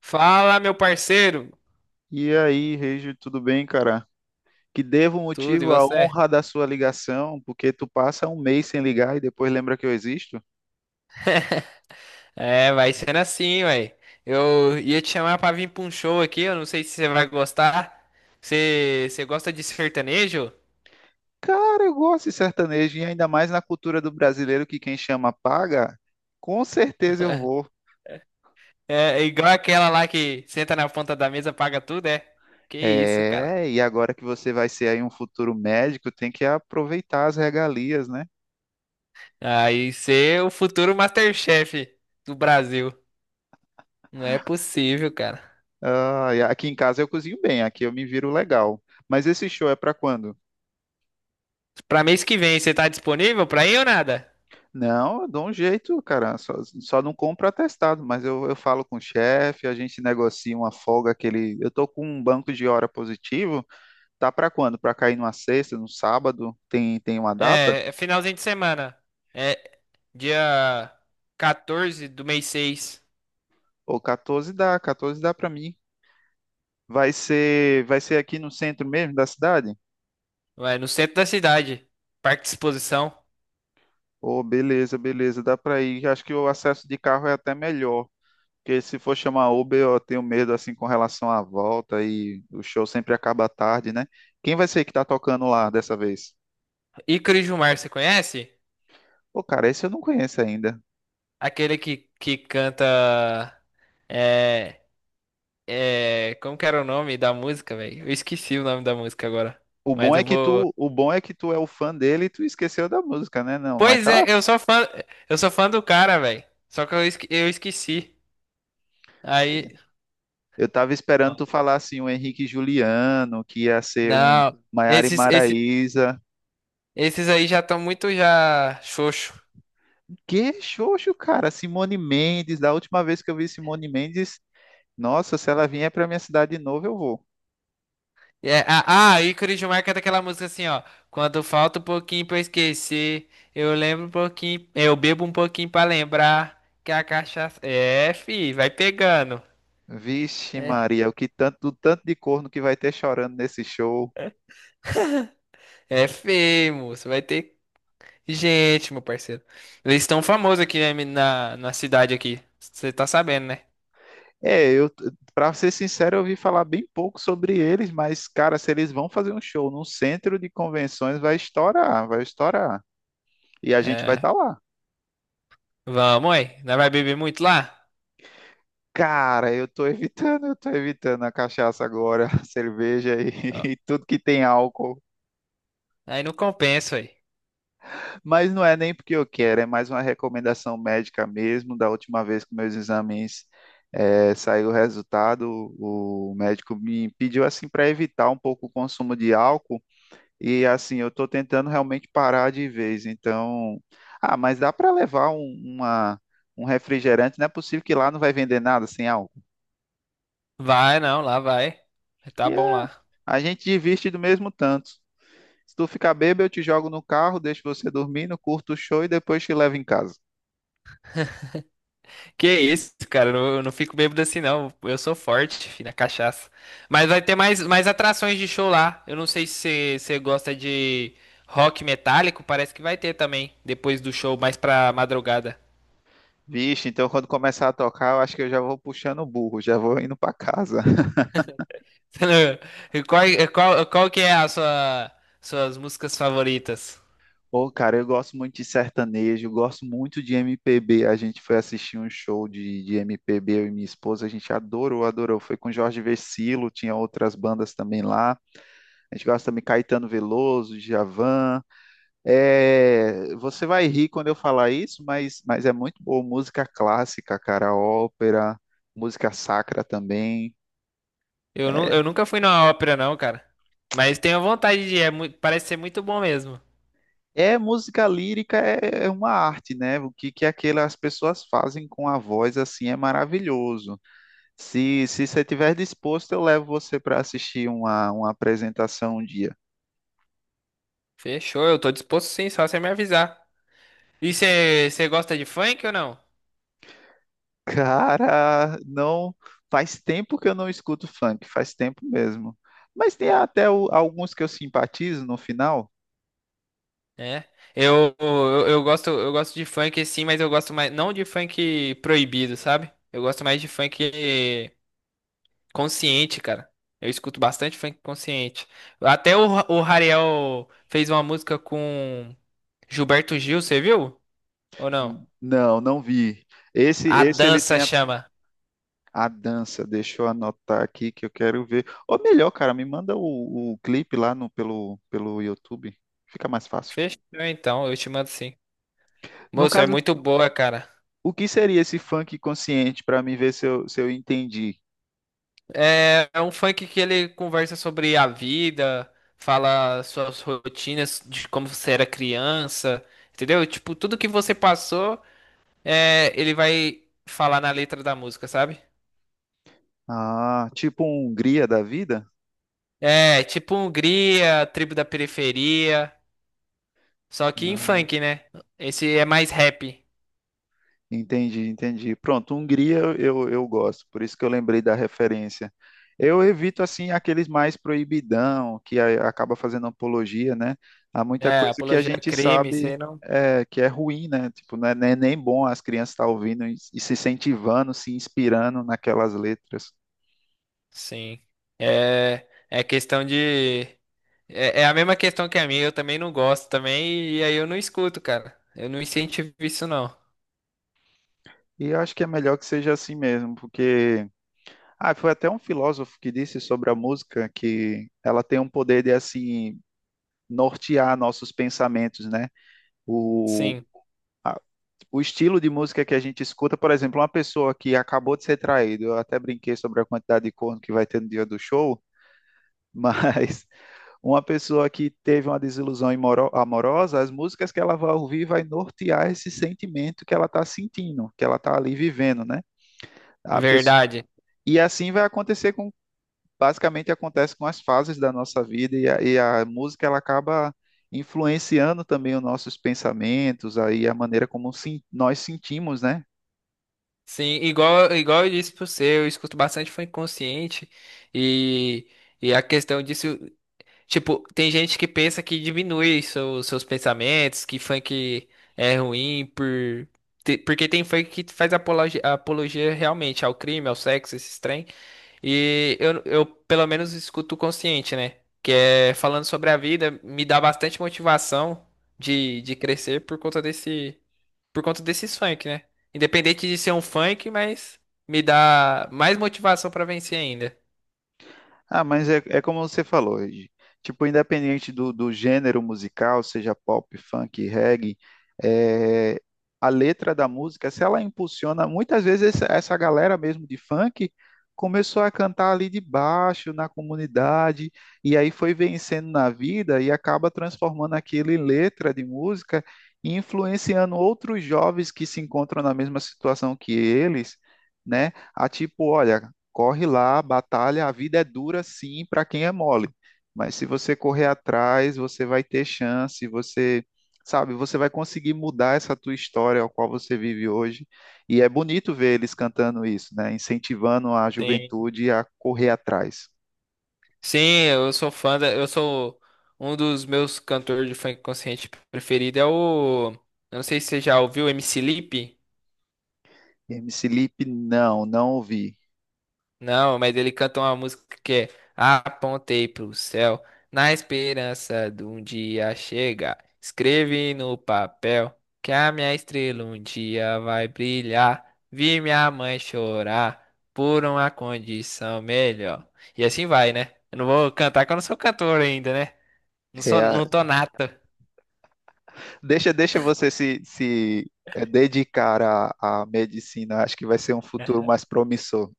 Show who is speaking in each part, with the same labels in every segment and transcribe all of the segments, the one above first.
Speaker 1: Fala, meu parceiro!
Speaker 2: E aí, Regi, tudo bem, cara? Que devo
Speaker 1: Tudo, e
Speaker 2: motivo à
Speaker 1: você?
Speaker 2: honra da sua ligação, porque tu passa um mês sem ligar e depois lembra que eu existo?
Speaker 1: É, vai sendo assim, ué. Eu ia te chamar pra vir pra um show aqui, eu não sei se você vai gostar. Você gosta de sertanejo?
Speaker 2: Cara, eu gosto de sertanejo e ainda mais na cultura do brasileiro que quem chama paga. Com certeza eu vou.
Speaker 1: É, é igual aquela lá que senta na ponta da mesa, paga tudo, é? Que isso, cara.
Speaker 2: É, e agora que você vai ser aí um futuro médico, tem que aproveitar as regalias, né?
Speaker 1: Aí você é o futuro Masterchef do Brasil. Não é possível, cara.
Speaker 2: Ah, e aqui em casa eu cozinho bem, aqui eu me viro legal. Mas esse show é pra quando?
Speaker 1: Pra mês que vem, você tá disponível pra ir ou nada?
Speaker 2: Não, eu dou um jeito, cara. Só não compro atestado, mas eu falo com o chefe, a gente negocia uma folga que ele. Eu tô com um banco de hora positivo. Tá pra quando? Pra cair numa sexta, no sábado? Tem uma data?
Speaker 1: É, é finalzinho de semana. É dia 14 do mês seis.
Speaker 2: Ou 14 dá, 14 dá pra mim. Vai ser aqui no centro mesmo da cidade?
Speaker 1: Vai no centro da cidade. Parque de exposição.
Speaker 2: Oh beleza, beleza, dá pra ir. Acho que o acesso de carro é até melhor. Porque se for chamar Uber, eu tenho medo assim com relação à volta e o show sempre acaba tarde, né? Quem vai ser que tá tocando lá dessa vez?
Speaker 1: Ícaro Gilmar, você conhece?
Speaker 2: Pô, cara, esse eu não conheço ainda.
Speaker 1: Aquele que canta. É, é, como que era o nome da música, velho? Eu esqueci o nome da música agora.
Speaker 2: O bom
Speaker 1: Mas
Speaker 2: é
Speaker 1: eu
Speaker 2: que
Speaker 1: vou.
Speaker 2: tu, o bom é que tu é o fã dele e tu esqueceu da música, né? Não, mas
Speaker 1: Pois
Speaker 2: tá.
Speaker 1: é, eu sou fã. Eu sou fã do cara, velho. Só que eu esqueci. Aí.
Speaker 2: Eu tava esperando tu falar assim o Henrique Juliano, que ia ser um
Speaker 1: Não.
Speaker 2: Maiara e
Speaker 1: Esses, esses,
Speaker 2: Maraíza.
Speaker 1: esses aí já estão muito já xoxo.
Speaker 2: Que xoxo, cara, Simone Mendes, da última vez que eu vi Simone Mendes, nossa, se ela vier pra minha cidade de novo, eu vou.
Speaker 1: É, ícone de marca é daquela música assim, ó. Quando falta um pouquinho pra eu esquecer, eu lembro um pouquinho, eu bebo um pouquinho pra lembrar que a cachaça. É, fi, vai pegando.
Speaker 2: Vixe,
Speaker 1: É,
Speaker 2: Maria, o que tanto, o tanto de corno que vai ter chorando nesse show.
Speaker 1: é feio, moço. Vai ter gente, meu parceiro. Eles estão famosos aqui na cidade aqui. Você tá sabendo, né?
Speaker 2: É, eu, para ser sincero, eu ouvi falar bem pouco sobre eles, mas, cara, se eles vão fazer um show num centro de convenções, vai estourar. E a gente vai
Speaker 1: É.
Speaker 2: estar lá.
Speaker 1: Vamos, aí. Não vai beber muito lá?
Speaker 2: Cara, eu tô evitando a cachaça agora, a cerveja
Speaker 1: Ó,
Speaker 2: e, e tudo que tem álcool.
Speaker 1: aí não compensa, aí.
Speaker 2: Mas não é nem porque eu quero, é mais uma recomendação médica mesmo. Da última vez que meus exames saiu o resultado, o médico me pediu assim para evitar um pouco o consumo de álcool e assim eu estou tentando realmente parar de vez. Então, ah, mas dá para levar um, um refrigerante? Não é possível que lá não vai vender nada sem álcool.
Speaker 1: Vai, não, lá vai. Tá
Speaker 2: E
Speaker 1: bom
Speaker 2: é,
Speaker 1: lá.
Speaker 2: a gente divide do mesmo tanto. Se tu ficar bêbado, eu te jogo no carro, deixo você dormindo, curto o show e depois te levo em casa.
Speaker 1: Que isso, cara, eu não fico bêbado assim não. Eu sou forte, filho, na cachaça. Mas vai ter mais atrações de show lá. Eu não sei se você gosta de rock metálico, parece que vai ter também, depois do show, mais pra madrugada.
Speaker 2: Vixe, então quando começar a tocar, eu acho que eu já vou puxando o burro, já vou indo pra casa.
Speaker 1: E qual que é suas músicas favoritas?
Speaker 2: Pô, cara, eu gosto muito de sertanejo, gosto muito de MPB. A gente foi assistir um show de MPB, eu e minha esposa, a gente adorou. Foi com Jorge Vercillo, tinha outras bandas também lá. A gente gosta também de Caetano Veloso, Djavan. É, você vai rir quando eu falar isso, mas é muito boa música clássica, cara, ópera, música sacra também.
Speaker 1: Eu nunca fui numa ópera não, cara. Mas tenho vontade de ir, parece ser muito bom mesmo.
Speaker 2: É, música lírica é uma arte, né? O que, que aquelas pessoas fazem com a voz, assim, é maravilhoso. Se você estiver disposto, eu levo você para assistir uma apresentação um dia.
Speaker 1: Fechou, eu tô disposto sim, só você me avisar. E você gosta de funk ou não?
Speaker 2: Cara, não faz tempo que eu não escuto funk, faz tempo mesmo. Mas tem até alguns que eu simpatizo no final.
Speaker 1: É. Eu gosto de funk sim, mas eu gosto mais não de funk proibido, sabe? Eu gosto mais de funk consciente, cara. Eu escuto bastante funk consciente. Até o Rariel fez uma música com Gilberto Gil, você viu? Ou não?
Speaker 2: Não, não vi. Esse,
Speaker 1: A
Speaker 2: esse ele
Speaker 1: dança
Speaker 2: tem
Speaker 1: chama.
Speaker 2: a dança, deixa eu anotar aqui que eu quero ver. Ou melhor, cara, me manda o clipe lá no, pelo YouTube. Fica mais fácil.
Speaker 1: Fechou então, eu te mando sim.
Speaker 2: No
Speaker 1: Moço, é
Speaker 2: caso,
Speaker 1: muito boa, cara.
Speaker 2: o que seria esse funk consciente para mim ver se eu, se eu entendi?
Speaker 1: É, é um funk que ele conversa sobre a vida, fala suas rotinas de como você era criança, entendeu? Tipo, tudo que você passou, é, ele vai falar na letra da música, sabe?
Speaker 2: Ah, tipo um Hungria da vida?
Speaker 1: É, tipo Hungria, tribo da periferia, só que em
Speaker 2: Ah.
Speaker 1: funk, né? Esse é mais rap.
Speaker 2: Entendi. Pronto, Hungria eu gosto, por isso que eu lembrei da referência. Eu evito, assim, aqueles mais proibidão, que acaba fazendo apologia, né? Há muita
Speaker 1: É,
Speaker 2: coisa que a
Speaker 1: apologia a
Speaker 2: gente
Speaker 1: crime, isso aí
Speaker 2: sabe
Speaker 1: não.
Speaker 2: é, que é ruim, né? Tipo, não é nem bom as crianças estar ouvindo e se incentivando, se inspirando naquelas letras.
Speaker 1: Sim. É, é questão de. É, é a mesma questão que a minha, eu também não gosto também, e aí eu não escuto, cara. Eu não incentivo isso, não.
Speaker 2: E eu acho que é melhor que seja assim mesmo, porque... Ah, foi até um filósofo que disse sobre a música que ela tem um poder de, assim, nortear nossos pensamentos, né? o,
Speaker 1: Sim,
Speaker 2: o estilo de música que a gente escuta, por exemplo, uma pessoa que acabou de ser traído, eu até brinquei sobre a quantidade de corno que vai ter no dia do show, mas uma pessoa que teve uma desilusão amorosa, as músicas que ela vai ouvir vai nortear esse sentimento que ela está sentindo, que ela está ali vivendo, né? A pesso-
Speaker 1: verdade.
Speaker 2: E assim vai acontecer com, basicamente acontece com as fases da nossa vida e a música ela acaba influenciando também os nossos pensamentos, aí a maneira como nós sentimos, né?
Speaker 1: Sim, igual eu disse pra você, eu escuto bastante funk consciente, e, e a questão disso, tipo, tem gente que pensa que diminui seus pensamentos, que funk é ruim Porque tem funk que faz apologia, apologia realmente ao crime, ao sexo, esses trem. E eu pelo menos escuto o consciente, né? Que é falando sobre a vida, me dá bastante motivação de crescer por conta desse, por conta desses funk, né? Independente de ser um funk, mas me dá mais motivação pra vencer ainda.
Speaker 2: Ah, mas é, é como você falou, Ed. Tipo, independente do gênero musical, seja pop, funk, reggae, é, a letra da música, se ela impulsiona, muitas vezes essa galera mesmo de funk começou a cantar ali de baixo, na comunidade, e aí foi vencendo na vida e acaba transformando aquilo em letra de música e influenciando outros jovens que se encontram na mesma situação que eles, né? A tipo, olha. Corre lá, batalha. A vida é dura, sim, para quem é mole. Mas se você correr atrás, você vai ter chance, você, sabe, você vai conseguir mudar essa tua história ao qual você vive hoje. E é bonito ver eles cantando isso, né? Incentivando a
Speaker 1: Sim.
Speaker 2: juventude a correr atrás.
Speaker 1: Sim, eu sou um dos meus cantores de funk consciente preferido é o, eu não sei se você já ouviu, MC Lipe.
Speaker 2: MC Lipe, não, não ouvi.
Speaker 1: Não, mas ele canta uma música que é Apontei pro céu, na esperança de um dia chegar. Escrevi no papel que a minha estrela um dia vai brilhar. Vi minha mãe chorar por uma condição melhor. E assim vai, né? Eu não vou cantar que eu não sou cantor ainda, né? Não sou,
Speaker 2: É,
Speaker 1: não tô nato.
Speaker 2: deixa você se, se é, dedicar à, à medicina, acho que vai ser um futuro mais promissor.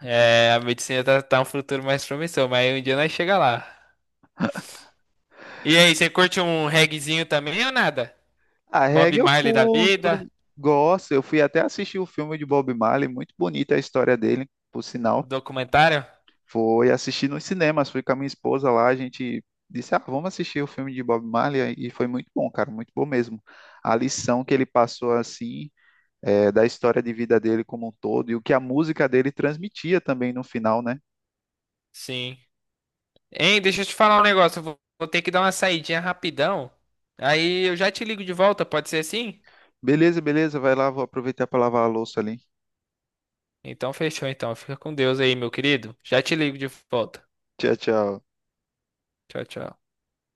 Speaker 1: É, a medicina tá, tá um futuro mais promissor, mas um dia nós chega lá. E aí, você curte um reguezinho também ou nada?
Speaker 2: A
Speaker 1: Bob
Speaker 2: reggae eu
Speaker 1: Marley da
Speaker 2: curto,
Speaker 1: vida?
Speaker 2: gosto. Eu fui até assistir o filme de Bob Marley, muito bonita a história dele, por
Speaker 1: O
Speaker 2: sinal.
Speaker 1: documentário?
Speaker 2: Foi assistir nos cinemas, fui com a minha esposa lá, a gente disse, ah, vamos assistir o filme de Bob Marley, e foi muito bom, cara, muito bom mesmo. A lição que ele passou, assim, é, da história de vida dele como um todo, e o que a música dele transmitia também no final, né?
Speaker 1: Sim. Hein, deixa eu te falar um negócio. Eu vou, vou ter que dar uma saidinha rapidão. Aí eu já te ligo de volta, pode ser assim?
Speaker 2: Beleza, beleza, vai lá, vou aproveitar para lavar a louça ali.
Speaker 1: Então fechou então. Fica com Deus aí, meu querido. Já te ligo de volta.
Speaker 2: Tchau, tchau.
Speaker 1: Tchau, tchau.